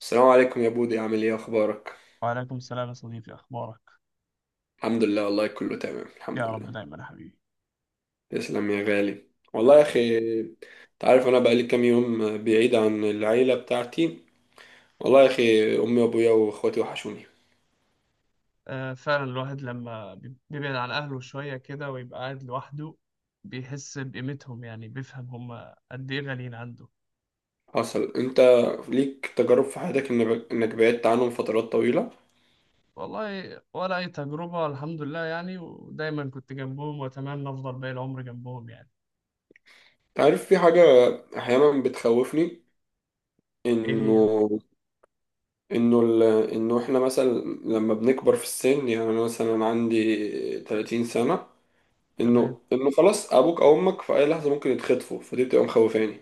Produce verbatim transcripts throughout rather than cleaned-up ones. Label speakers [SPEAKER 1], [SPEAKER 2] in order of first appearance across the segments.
[SPEAKER 1] السلام عليكم يا بودي، عامل ايه؟ اخبارك؟
[SPEAKER 2] وعليكم السلام يا صديقي. أخبارك؟
[SPEAKER 1] الحمد لله، والله كله تمام، الحمد
[SPEAKER 2] يا
[SPEAKER 1] لله.
[SPEAKER 2] رب دايما يا حبيبي.
[SPEAKER 1] تسلم يا غالي. والله يا
[SPEAKER 2] حبيبي.
[SPEAKER 1] اخي، انت عارف انا بقالي كام يوم بعيد عن العيله بتاعتي. والله يا اخي، امي وابويا واخواتي وحشوني.
[SPEAKER 2] آه فعلا، الواحد لما بي- بيبعد عن أهله شوية كده ويبقى قاعد لوحده، بيحس بقيمتهم. يعني بيفهم هم قد إيه غاليين عنده.
[SPEAKER 1] حصل انت ليك تجارب في حياتك إن- انك بعدت عنهم فترات طويله؟
[SPEAKER 2] والله ولا أي تجربة، الحمد لله يعني، ودايما كنت جنبهم وأتمنى أفضل باقي العمر جنبهم يعني.
[SPEAKER 1] انت عارف، في حاجه احيانا بتخوفني.
[SPEAKER 2] إيه.
[SPEAKER 1] انه
[SPEAKER 2] هي.
[SPEAKER 1] انه ال... انه احنا مثلا لما بنكبر في السن، يعني انا مثلا عندي ثلاثين سنه،
[SPEAKER 2] تمام.
[SPEAKER 1] انه انه خلاص ابوك او امك في اي لحظه ممكن يتخطفوا، فدي بتبقى مخوفاني.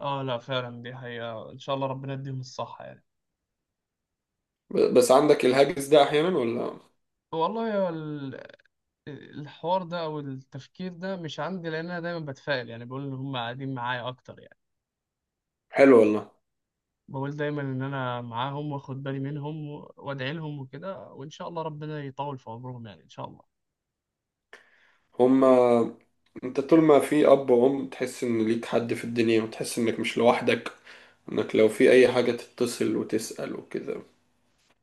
[SPEAKER 2] آه لا، فعلا دي حقيقة، إن شاء الله ربنا يديهم الصحة يعني.
[SPEAKER 1] ب- بس عندك الهاجس ده احيانا ولا؟
[SPEAKER 2] والله، هو ال- الحوار ده أو التفكير ده مش عندي، لأن أنا دايما بتفائل، يعني بقول إن هم قاعدين معايا أكتر يعني.
[SPEAKER 1] حلو والله.
[SPEAKER 2] بقول دايما ان انا معاهم واخد بالي منهم و- وادعي لهم وكده، وان شاء الله ربنا يطول في عمرهم يعني، ان شاء الله.
[SPEAKER 1] هما. انت طول ما في اب وام تحس ان ليك حد في الدنيا، وتحس انك مش لوحدك، انك لو في اي حاجه تتصل وتسال وكده.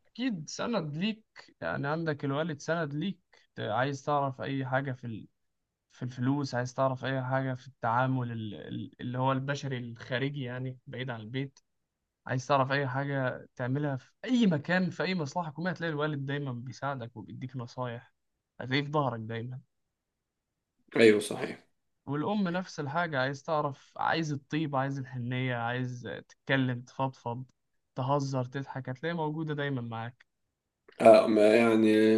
[SPEAKER 2] اكيد سند ليك، يعني عندك الوالد سند ليك. ت- عايز تعرف اي حاجة في ال- في الفلوس، عايز تعرف اي حاجة في التعامل ال- ال- اللي هو البشري الخارجي يعني، بعيد عن البيت. عايز تعرف اي حاجة تعملها في اي مكان في اي مصلحة حكومية، هتلاقي الوالد دايما بيساعدك وبيديك نصايح. هتلاقيه في ظهرك دايما.
[SPEAKER 1] ايوه صحيح.
[SPEAKER 2] والأم نفس الحاجة، عايز تعرف، عايز الطيبة، عايز الحنية، عايز تتكلم تفضفض، تهزر تضحك، هتلاقيها موجودة دايما معاك.
[SPEAKER 1] آه، ما يعني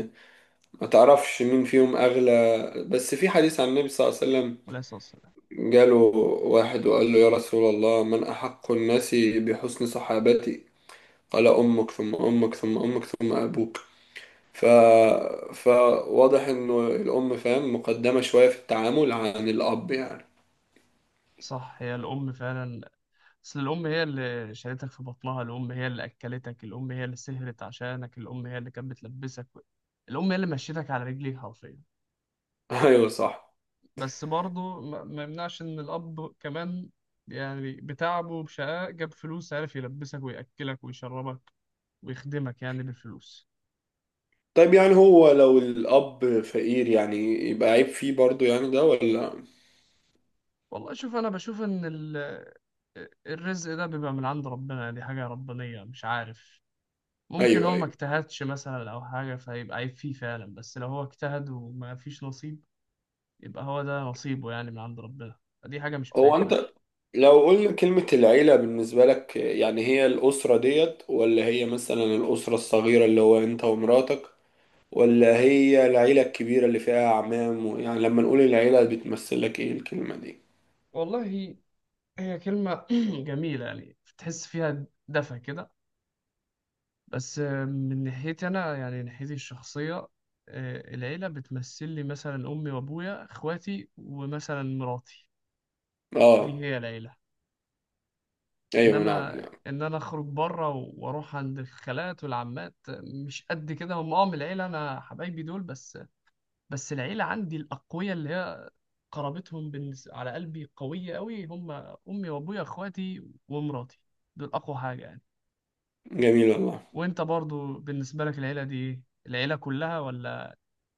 [SPEAKER 1] ما تعرفش مين فيهم اغلى، بس في حديث عن النبي صلى الله عليه وسلم،
[SPEAKER 2] عليه الصلاة والسلام.
[SPEAKER 1] جاله واحد وقال له: يا رسول الله، من احق الناس بحسن صحابتي؟ على أمك ثم أمك ثم أمك ثم أبوك. ف... فواضح إنه الأم فاهم مقدمة شوية في التعامل عن الأب يعني.
[SPEAKER 2] صح، هي الأم فعلا. أصل الأم هي اللي شالتك في بطنها، الأم هي اللي أكلتك، الأم هي اللي سهرت عشانك، الأم هي اللي كانت بتلبسك، الأم هي اللي مشيتك على رجليك حرفيا.
[SPEAKER 1] أيوه صح.
[SPEAKER 2] بس برضه ما ما يمنعش إن الأب كمان، يعني بتعبه وبشقاء جاب فلوس، عارف يلبسك ويأكلك ويشربك ويخدمك يعني بالفلوس.
[SPEAKER 1] طيب، يعني هو لو الأب فقير، يعني يبقى عيب فيه برضو يعني، ده ولا؟
[SPEAKER 2] والله شوف، انا بشوف ان ال... الرزق ده بيبقى من عند ربنا، دي حاجة ربانية، مش عارف، ممكن
[SPEAKER 1] أيوه،
[SPEAKER 2] هو ما
[SPEAKER 1] أيوه.
[SPEAKER 2] اجتهدش مثلا او حاجة فيبقى عيب فيه فعلا، بس لو هو اجتهد وما فيش نصيب يبقى هو ده نصيبه يعني، من عند ربنا، دي حاجة مش
[SPEAKER 1] هو
[SPEAKER 2] بتاعتنا احنا.
[SPEAKER 1] أنت، لو قلنا كلمة العيلة بالنسبة لك، يعني هي الأسرة ديت، ولا هي مثلا الأسرة الصغيرة اللي هو أنت ومراتك، ولا هي العيلة الكبيرة اللي فيها أعمام و- يعني لما نقول العيلة بتمثل لك إيه الكلمة دي؟
[SPEAKER 2] والله هي كلمة جميلة، يعني تحس فيها دفى كده. بس من ناحيتي انا يعني، ناحيتي الشخصية، آه، العيلة بتمثل لي مثلا امي وابويا اخواتي ومثلا مراتي. دي
[SPEAKER 1] اه،
[SPEAKER 2] هي العيلة.
[SPEAKER 1] ايوه، نعم،
[SPEAKER 2] انما
[SPEAKER 1] نعم،
[SPEAKER 2] ان انا اخرج بره واروح عند الخالات والعمات، مش قد كده هم اه من العيله. انا حبايبي دول بس. بس العيله عندي الاقوياء، اللي هي قرابتهم بالنس- على قلبي قويه قوي، هم امي وابويا اخواتي ومراتي. دول اقوى حاجه يعني.
[SPEAKER 1] جميل والله.
[SPEAKER 2] وانت برضو بالنسبه لك، العيله دي ايه؟ العيله كلها ولا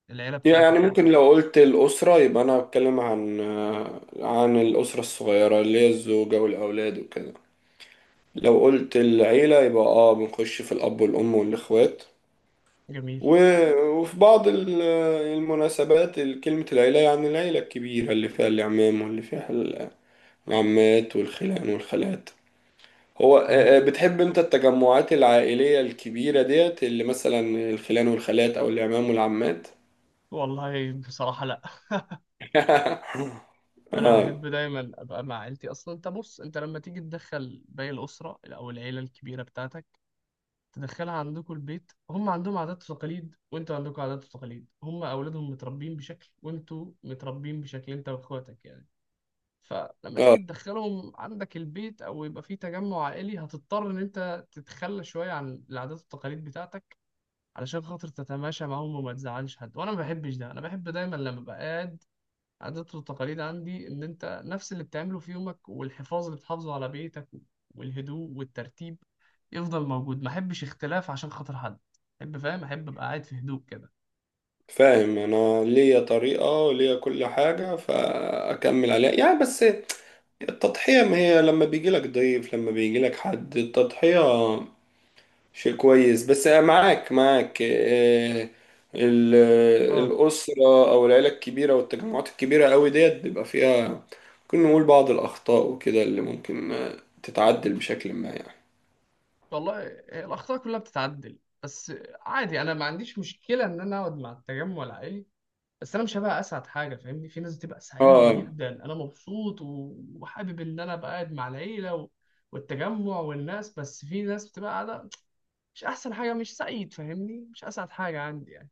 [SPEAKER 2] العيله
[SPEAKER 1] يعني
[SPEAKER 2] بتاعتك انت؟
[SPEAKER 1] ممكن لو قلت الأسرة، يبقى أنا بتكلم عن آه، عن الأسرة الصغيرة اللي هي الزوجة والأولاد وكده. لو قلت العيلة، يبقى اه بنخش في الأب والأم والإخوات.
[SPEAKER 2] جميل.
[SPEAKER 1] و... وفي بعض ال- آه، المناسبات كلمة العيلة، يعني العيلة الكبيرة اللي فيها العمام واللي فيها العمات والخلان والخالات. هو آه، آه،
[SPEAKER 2] جميل،
[SPEAKER 1] بتحب انت التجمعات العائلية الكبيرة ديت، اللي مثلا الخلان والخالات أو العمام والعمات؟
[SPEAKER 2] والله بصراحة لا،
[SPEAKER 1] اه،
[SPEAKER 2] أنا أحب دايما أبقى مع عيلتي. أصلا أنت بص، أنت لما تيجي تدخل باقي الأسرة أو العيلة الكبيرة بتاعتك، تدخلها عندكم البيت، هم عندهم عادات وتقاليد، وانتوا عندكم عادات وتقاليد، هم اولادهم متربيين بشكل وانتوا متربيين بشكل انت واخواتك يعني. فلما تيجي
[SPEAKER 1] اه،
[SPEAKER 2] تدخلهم عندك البيت او يبقى في تجمع عائلي، هتضطر ان انت تتخلى شويه عن العادات والتقاليد بتاعتك علشان خاطر تتماشى معاهم وما تزعلش حد. وانا ما بحبش ده، انا بحب دايما لما بقعد، عادات والتقاليد عندي إن أنت نفس اللي بتعمله في يومك، والحفاظ اللي بتحافظه على بيتك والهدوء والترتيب يفضل موجود، ما أحبش اختلاف عشان خاطر حد. أحب، فاهم، أحب أبقى قاعد في هدوء كده.
[SPEAKER 1] فاهم. انا ليا طريقة وليا كل حاجة، فاكمل عليها يعني. بس التضحية، ما هي لما بيجي لك ضيف، لما بيجي لك حد، التضحية شيء كويس، بس معاك، معاك، آه، ال-
[SPEAKER 2] أه.
[SPEAKER 1] الأسرة او العيلة الكبيرة والتجمعات الكبيرة قوي ديت بيبقى فيها ممكن نقول بعض الأخطاء وكده، اللي ممكن آه، تتعدل بشكل ما يعني.
[SPEAKER 2] والله هي الأخطاء كلها بتتعدل، بس عادي، أنا ما عنديش مشكلة إن أنا أقعد مع التجمع العائلي، بس أنا مش هبقى أسعد حاجة فاهمني. في ناس بتبقى سعيدة
[SPEAKER 1] اه.
[SPEAKER 2] جدا، أنا مبسوط و- وحابب إن أنا أبقى قاعد مع العيلة و... والتجمع والناس، بس في ناس بتبقى قاعدة مش احسن حاجه، مش سعيد فاهمني، مش اسعد حاجه عندي يعني.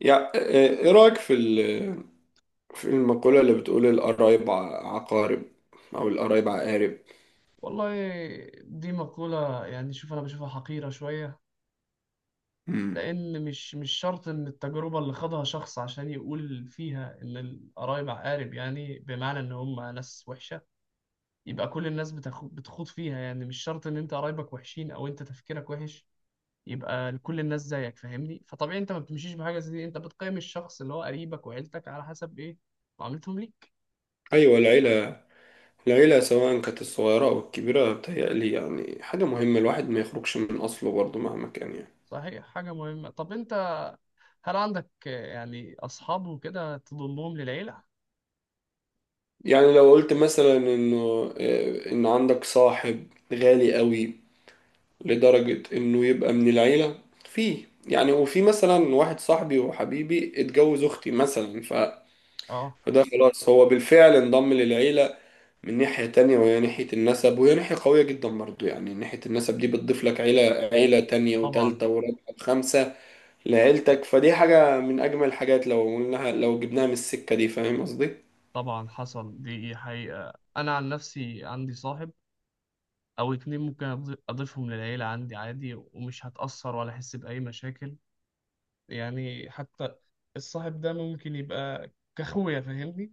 [SPEAKER 1] يا، ايه رأيك في في المقولة اللي بتقول القرايب ع- عقارب، أو القرايب عقارب؟
[SPEAKER 2] والله دي مقوله يعني، شوف انا بشوفها حقيره شويه،
[SPEAKER 1] مم.
[SPEAKER 2] لان مش مش شرط ان التجربه اللي خاضها شخص عشان يقول فيها ان القرايب عقارب، يعني بمعنى ان هم ناس وحشه، يبقى كل الناس بتاخد بتخوض فيها. يعني مش شرط ان انت قرايبك وحشين او انت تفكيرك وحش يبقى كل الناس زيك فاهمني. فطبيعي انت ما بتمشيش بحاجه زي دي، انت بتقيم الشخص اللي هو قريبك وعيلتك على حسب ايه، معاملتهم ليك.
[SPEAKER 1] أيوة، العيلة. العيلة سواء كانت الصغيرة أو الكبيرة، بتهيألي يعني حاجة مهمة، الواحد ما يخرجش من أصله برضه مهما كان يعني.
[SPEAKER 2] صحيح، حاجه مهمه. طب انت، هل عندك آه، يعني أصحاب وكده تضمهم للعيلة؟
[SPEAKER 1] يعني لو قلت مثلا إنه آه، إن عندك صاحب غالي قوي، لدرجة إنه يبقى من العيلة فيه. يعني وفي مثلا واحد صاحبي وحبيبي اتجوز أختي مثلا، ف...
[SPEAKER 2] آه.
[SPEAKER 1] فده خلاص هو بالفعل انضم للعيلة. من ناحية تانية وهي ناحية النسب، وهي ناحية قوية جدا برضو، يعني ناحية النسب دي بتضيف لك عيلة، عيلة تانية
[SPEAKER 2] طبعا.
[SPEAKER 1] وتالتة ورابعة وخامسة لعيلتك، فدي حاجة من أجمل الحاجات لو قلناها، لو جبناها من السكة دي. فاهم قصدي؟
[SPEAKER 2] طبعا حصل، دي حقيقة، أنا عن نفسي عندي صاحب أو اتنين ممكن أض- أضيفهم للعيلة عندي عادي ومش هتأثر ولا أحس بأي مشاكل يعني. حتى الصاحب ده ممكن يبقى كأخويا فاهمني؟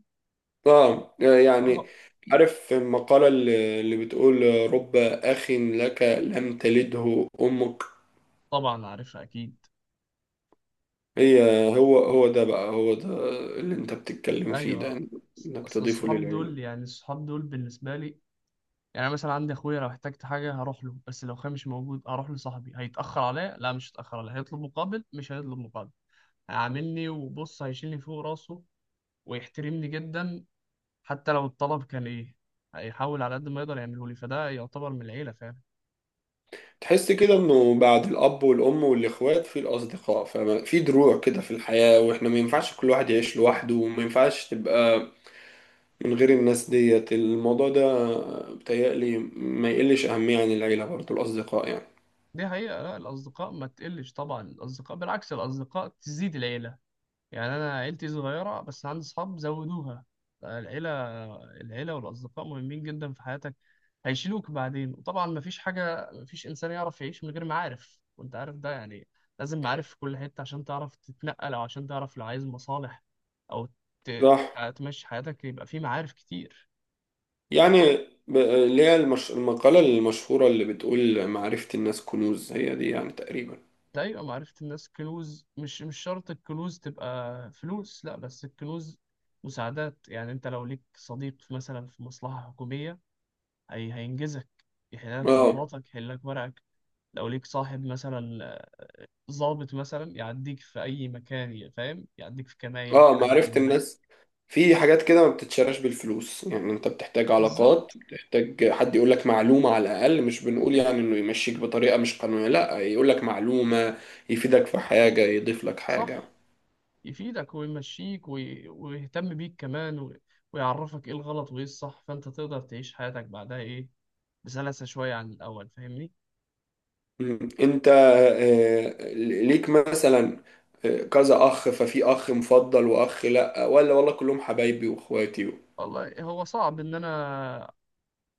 [SPEAKER 1] اه، يعني
[SPEAKER 2] آه.
[SPEAKER 1] عارف المقالة اللي اللي بتقول: رب أخ لك لم تلده أمك.
[SPEAKER 2] طبعا عارفها أكيد.
[SPEAKER 1] هي هو هو ده بقى، هو ده اللي أنت بتتكلم فيه
[SPEAKER 2] أيوه.
[SPEAKER 1] ده. إنك
[SPEAKER 2] أصل
[SPEAKER 1] تضيفه
[SPEAKER 2] الصحاب
[SPEAKER 1] للعيلة.
[SPEAKER 2] دول يعني، الصحاب دول بالنسبة لي، يعني أنا مثلا عندي اخويا، لو احتجت حاجه هروح له، بس لو اخويا مش موجود اروح لصاحبي. هيتاخر عليا؟ لا، مش هيتاخر عليا. هيطلب مقابل؟ مش هيطلب مقابل. هيعاملني وبص، هيشيلني فوق راسه ويحترمني جدا. حتى لو الطلب كان ايه، هيحاول على قد ما يقدر يعمله لي، فده يعتبر من العيله فعلا.
[SPEAKER 1] تحس كده انه بعد الاب والام والاخوات، في الاصدقاء، ففي دروع كده في الحياة، واحنا ما ينفعش كل واحد يعيش لوحده، وما ينفعش تبقى من غير الناس ديت. الموضوع ده بتهيألي ما يقلش اهمية عن العيلة برضه الاصدقاء يعني.
[SPEAKER 2] دي حقيقه، لا الاصدقاء ما تقلش طبعا، الاصدقاء بالعكس، الاصدقاء تزيد العيله، يعني انا عيلتي صغيره بس عندي اصحاب زودوها العيله. العيله والاصدقاء مهمين جدا في حياتك، هيشيلوك بعدين. وطبعا مفيش حاجه، مفيش انسان يعرف يعيش من غير معارف وانت عارف ده يعني. لازم معارف في كل حته عشان تعرف تتنقل، او عشان تعرف لو عايز مصالح، او ت-
[SPEAKER 1] صح.
[SPEAKER 2] تمشي حياتك، يبقى في معارف كتير.
[SPEAKER 1] يعني ب- اللي هي المش... المقالة المشهورة اللي بتقول معرفة الناس كنوز، هي دي يعني تقريبا.
[SPEAKER 2] ده يبقى معرفة الناس كنوز. مش مش شرط الكنوز تبقى فلوس، لا بس الكنوز مساعدات. يعني انت لو ليك صديق مثلا في مصلحة حكومية، هي هينجزك، يحل لك
[SPEAKER 1] اه،
[SPEAKER 2] طلباتك، يحل لك ورقك. لو ليك صاحب مثلا ضابط مثلا يعديك في أي مكان، ي- فاهم، يعديك في كمائن، في
[SPEAKER 1] اه،
[SPEAKER 2] حاجات
[SPEAKER 1] معرفة
[SPEAKER 2] من دي.
[SPEAKER 1] الناس، في حاجات كده ما بتتشراش بالفلوس، يعني انت بتحتاج علاقات،
[SPEAKER 2] بالظبط.
[SPEAKER 1] بتحتاج حد يقول لك معلومة على الأقل، مش بنقول يعني انه يمشيك بطريقة مش قانونية، لا، يقول لك معلومة يفيدك في حاجة، يضيف لك حاجة.
[SPEAKER 2] صح. يفيدك ويمشيك وي... ويهتم بيك كمان، و... ويعرفك إيه الغلط وإيه الصح، فأنت تقدر تعيش حياتك بعدها إيه، بسلاسة شوية عن الأول فاهمني.
[SPEAKER 1] مم. انت آه، ليك مثلا آه، كذا أخ، ففي أخ مفضل وأخ لا، ولا والله كلهم حبايبي وإخواتي؟
[SPEAKER 2] والله هو صعب إن أنا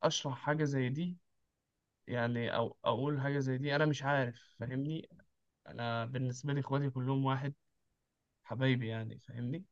[SPEAKER 2] أشرح حاجة زي دي، يعني أو أقول حاجة زي دي، أنا مش عارف فاهمني. أنا بالنسبة لي إخواتي كلهم واحد، حبايبي يعني فاهمني.